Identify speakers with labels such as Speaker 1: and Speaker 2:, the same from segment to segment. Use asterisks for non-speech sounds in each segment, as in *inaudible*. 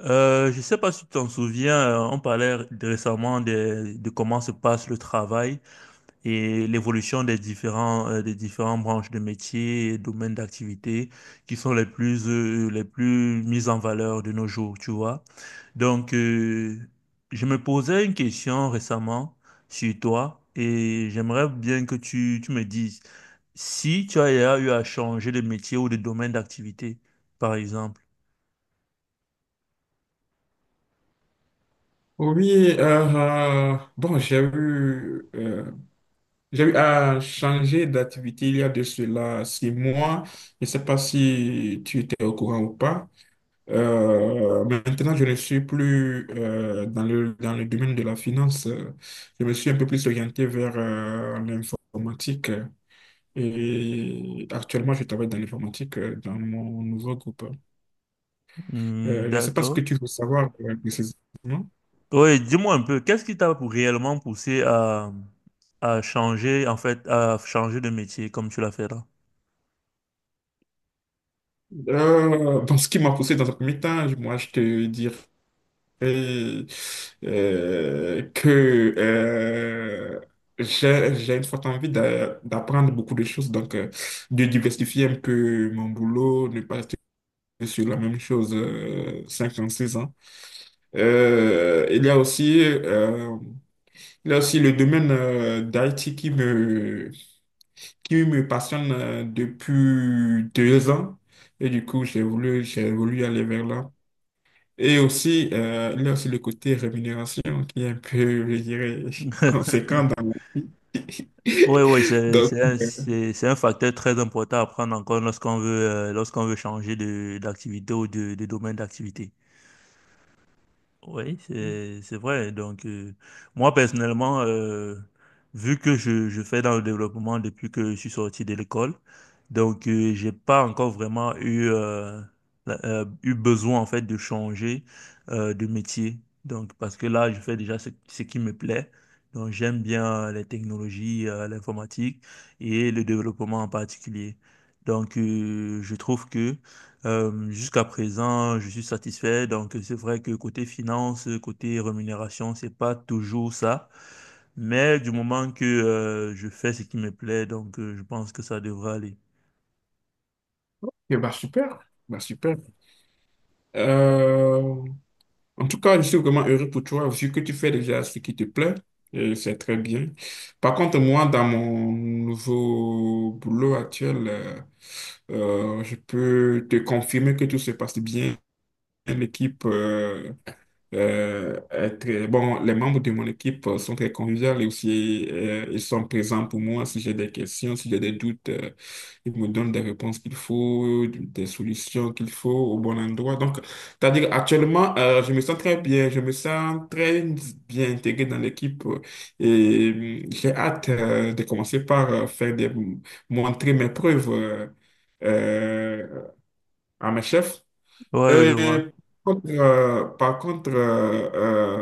Speaker 1: Je ne sais pas si tu t'en souviens, on parlait récemment de comment se passe le travail et l'évolution des des différentes branches de métiers et domaines d'activité qui sont les plus mises en valeur de nos jours, tu vois. Donc, euh, je me posais une question récemment sur toi et j'aimerais bien que tu me dises si tu as eu à changer de métier ou de domaine d'activité, par exemple.
Speaker 2: Oui, bon, j'ai eu à changer d'activité il y a de cela 6 mois. Je ne sais pas si tu étais au courant ou pas. Maintenant, je ne suis plus dans dans le domaine de la finance. Je me suis un peu plus orienté vers l'informatique. Et actuellement, je travaille dans l'informatique dans mon nouveau groupe.
Speaker 1: Hmm,
Speaker 2: Je ne sais pas ce que
Speaker 1: d'accord.
Speaker 2: tu veux savoir précisément.
Speaker 1: Oui, dis-moi un peu, qu'est-ce qui t'a réellement poussé à changer, en fait, à changer de métier comme tu l'as fait là?
Speaker 2: Bon, ce qui m'a poussé dans un premier temps, moi, je te dirais euh, que j'ai une forte envie d'apprendre beaucoup de choses, donc de diversifier un peu mon boulot, ne pas rester sur la même chose 6 ans. Euh, il y a aussi, euh, il y a aussi le domaine d'IT qui me passionne depuis 2 ans. Et du coup, j'ai voulu aller vers là. Et aussi, il y a aussi le côté rémunération qui est un peu, je dirais, *laughs*
Speaker 1: *laughs*
Speaker 2: conséquent dans la vie.
Speaker 1: Oui, oui,
Speaker 2: *laughs* Donc, euh,
Speaker 1: c'est un facteur très important à prendre en compte lorsqu'on veut changer d'activité ou de domaine d'activité. Oui, c'est vrai. Moi personnellement, vu que je fais dans le développement depuis que je suis sorti de l'école, j'ai pas encore vraiment eu eu besoin en fait de changer de métier. Donc, parce que là, je fais déjà ce qui me plaît. Donc, j'aime bien les technologies, l'informatique et le développement en particulier. Donc, je trouve que Hem, Jusqu'à présent, je suis satisfait. Donc, c'est vrai que côté finance, côté rémunération, c'est pas toujours ça. Mais du moment que je fais ce qui me plaît, je pense que ça devrait aller.
Speaker 2: eh ben, super, bah super. Euh, En tout cas, je suis vraiment heureux pour toi, vu que tu fais déjà ce qui te plaît, et c'est très bien. Par contre, moi, dans mon nouveau boulot actuel, je peux te confirmer que tout se passe bien. L'équipe est bon, les membres de mon équipe sont très conviviaux et aussi ils sont présents pour moi si j'ai des questions, si j'ai des doutes, ils me donnent des réponses qu'il faut, des solutions qu'il faut au bon endroit. Donc, c'est-à-dire actuellement, je me sens très bien intégré dans l'équipe et j'ai hâte de commencer par faire des montrer mes preuves euh, à mes chefs.
Speaker 1: Ouais, ouais, je vois.
Speaker 2: Euh, Par contre, euh,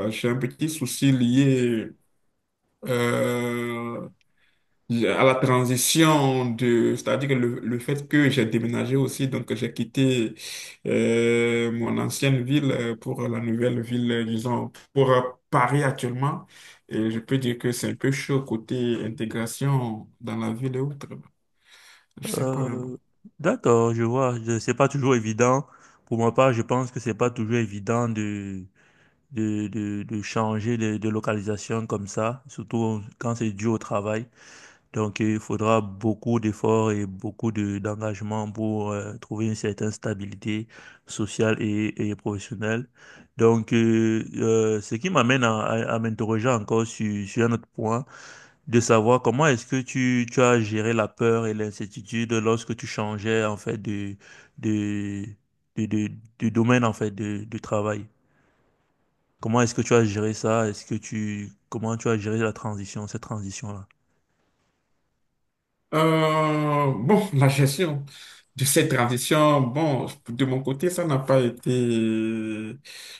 Speaker 2: euh, j'ai un petit souci lié euh, à la transition de, c'est-à-dire que le fait que j'ai déménagé aussi, donc j'ai quitté mon ancienne ville pour la nouvelle ville, disons, pour Paris actuellement. Et je peux dire que c'est un peu chaud côté intégration dans la ville et autres. Je sais pas, même.
Speaker 1: Euh, d'accord, je vois. C'est pas toujours évident. Pour ma part, je pense que c'est pas toujours évident de changer de localisation comme ça, surtout quand c'est dû au travail. Donc, il faudra beaucoup d'efforts et beaucoup d'engagement pour trouver une certaine stabilité sociale et professionnelle. Ce qui m'amène à m'interroger encore sur un autre point, de savoir comment est-ce que tu as géré la peur et l'incertitude lorsque tu changeais en fait de, de, de- de domaine en fait de travail. Comment est-ce que tu as géré ça? Est-ce que tu, comment tu as géré la transition, cette transition-là?
Speaker 2: Bon, la gestion de cette transition, bon, de mon côté, ça n'a pas été,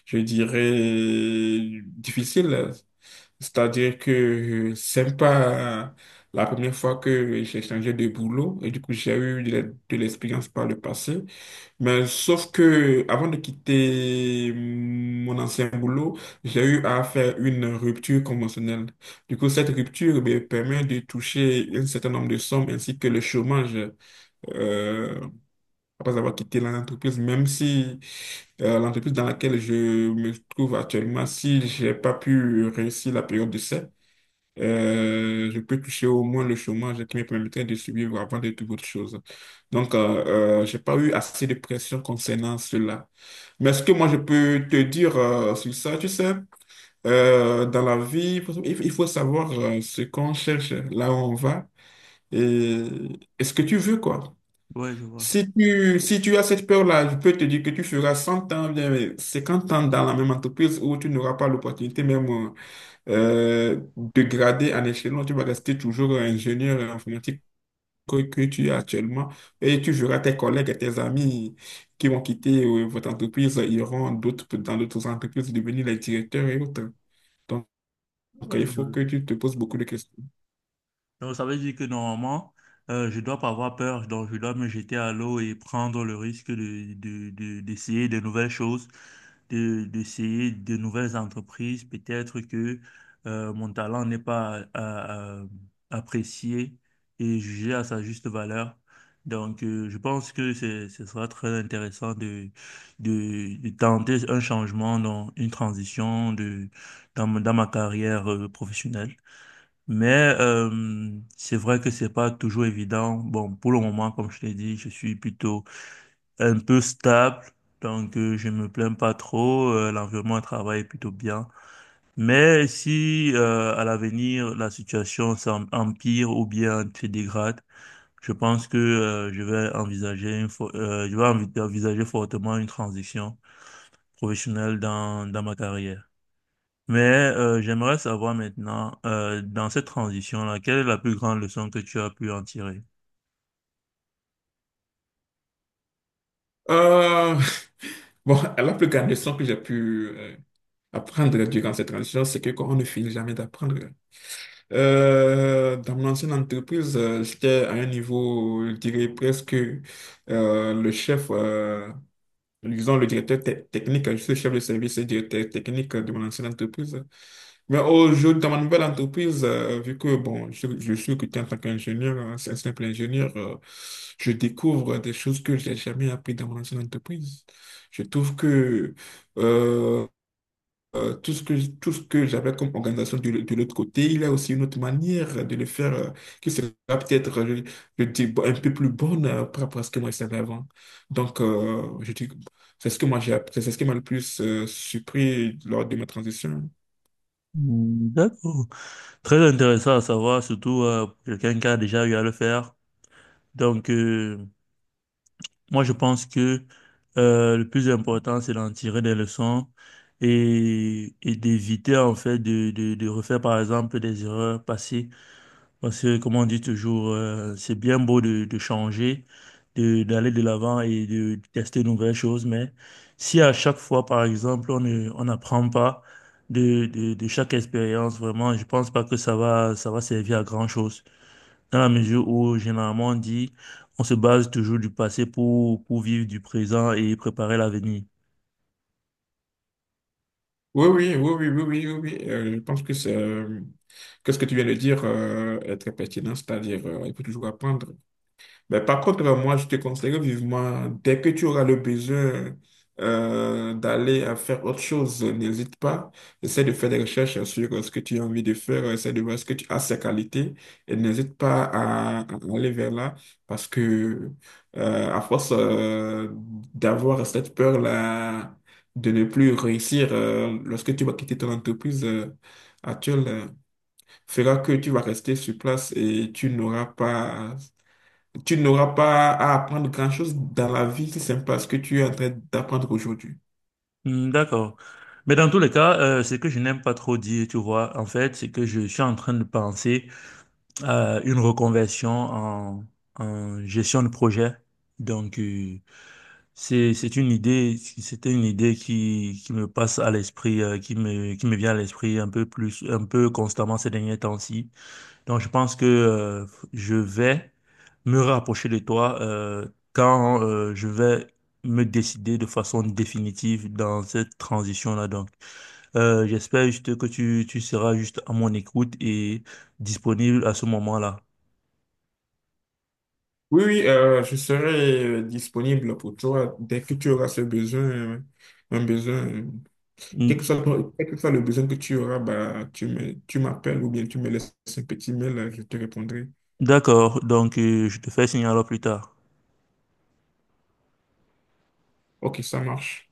Speaker 2: je dirais, difficile. C'est-à-dire que c'est pas la première fois que j'ai changé de boulot et du coup, j'ai eu de l'expérience par le passé. Mais sauf que avant de quitter mon ancien boulot, j'ai eu à faire une rupture conventionnelle. Du coup, cette rupture me permet de toucher un certain nombre de sommes ainsi que le chômage euh, après avoir quitté l'entreprise, même si l'entreprise dans laquelle je me trouve actuellement, si j'ai pas pu réussir la période d'essai, je peux toucher au moins le chômage qui me permettrait de survivre avant de toute autre chose. Donc, j'ai pas eu assez de pression concernant cela. Mais ce que moi, je peux te dire sur ça, tu sais, dans la vie, il faut savoir ce qu'on cherche, là où on va et, et ce que tu veux, quoi.
Speaker 1: Ouais, je vois.
Speaker 2: Si tu as cette peur-là, je peux te dire que tu feras 100 ans, bien 50 ans dans la même entreprise où tu n'auras pas l'opportunité même dégradé en échelon, tu vas rester toujours ingénieur informatique que tu es actuellement et tu verras tes collègues et tes amis qui vont quitter votre entreprise, iront d'autres, dans d'autres entreprises devenir les directeurs et autres. Donc, il
Speaker 1: Oui,
Speaker 2: faut que tu te poses beaucoup de questions.
Speaker 1: donc, ça veut dire que normalement, je dois pas avoir peur, donc je dois me jeter à l'eau et prendre le risque d'essayer de nouvelles choses, d'essayer de nouvelles entreprises. Peut-être que mon talent n'est pas apprécié et jugé à sa juste valeur. Je pense que ce sera très intéressant de tenter un changement, dans une transition dans ma carrière professionnelle. Mais euh, c'est vrai que c'est pas toujours évident. Bon, pour le moment, comme je t'ai dit, je suis plutôt un peu stable, je me plains pas trop. L'environnement de travail est plutôt bien. Mais si à l'avenir la situation empire ou bien se dégrade, je pense que je vais envisager je vais envisager fortement une transition professionnelle dans ma carrière. Mais j'aimerais savoir maintenant, dans cette transition-là, quelle est la plus grande leçon que tu as pu en tirer?
Speaker 2: Euh, *laughs* bon, la plus grande leçon que j'ai pu apprendre durant cette transition, c'est que on ne finit jamais d'apprendre. Dans mon ancienne entreprise, j'étais à un niveau, je dirais presque le chef, disons le directeur technique, je suis chef de service et directeur technique de mon ancienne entreprise. Mais aujourd'hui, dans ma nouvelle entreprise, vu que bon, je suis recruté en tant qu'ingénieur, hein, c'est un simple ingénieur, je découvre des choses que j'ai jamais appris dans mon ancienne entreprise. Je trouve que euh, tout ce que j'avais comme organisation de l'autre côté, il y a aussi une autre manière de le faire qui sera peut-être, je dis, un peu plus bonne par rapport à ce que moi je savais avant. Donc, je dis, c'est ce que moi j'ai appris, c'est ce qui m'a le plus surpris lors de ma transition.
Speaker 1: Hmm, d'accord. Très intéressant à savoir, surtout pour quelqu'un qui a déjà eu à le faire. Donc, euh, Moi, je pense que le plus important, c'est d'en tirer des leçons et d'éviter, en fait, de refaire, par exemple, des erreurs passées. Parce que, comme on dit toujours, c'est bien beau de changer, d'aller de l'avant et de tester de nouvelles choses, mais si à chaque fois, par exemple, on n'apprend pas de chaque expérience, vraiment, je pense pas que ça va servir à grand-chose. Dans la mesure où, généralement, on dit, on se base toujours du passé pour vivre du présent et préparer l'avenir.
Speaker 2: Oui, oui, oui, oui, oui, oui, oui, oui. Je pense que que ce que tu viens de dire est très pertinent, c'est-à-dire il faut toujours apprendre. Mais par contre, moi, je te conseille vivement, dès que tu auras le besoin d'aller à faire autre chose, n'hésite pas. Essaie de faire des recherches sur ce que tu as envie de faire, essaie de voir ce que tu as, ces qualités, et n'hésite pas à aller vers là, parce que à force d'avoir cette peur-là de ne plus réussir lorsque tu vas quitter ton entreprise actuelle, fera que tu vas rester sur place et tu n'auras pas à apprendre grand-chose dans la vie si ce n'est pas ce que tu es en train d'apprendre aujourd'hui.
Speaker 1: Hmm, d'accord. Mais dans tous les cas, ce que je n'aime pas trop dire, tu vois, en fait, c'est que je suis en train de penser une reconversion en, en gestion de projet. Donc, euh, c'est une idée, c'était une idée qui me passe à l'esprit, qui me vient à l'esprit un peu plus, un peu constamment ces derniers temps-ci. Donc, je pense que, je vais me rapprocher de toi, quand, je vais me décider de façon définitive dans cette transition-là. J'espère juste que tu seras juste à mon écoute et disponible à ce moment-là.
Speaker 2: Oui, oui, je serai disponible pour toi dès que tu auras ce besoin, un besoin, euh, quel que soit, quel que soit le besoin que tu auras, bah, tu m'appelles ou bien tu me laisses un petit mail, je te répondrai.
Speaker 1: D'accord, je te fais signe alors plus tard.
Speaker 2: Ok, ça marche.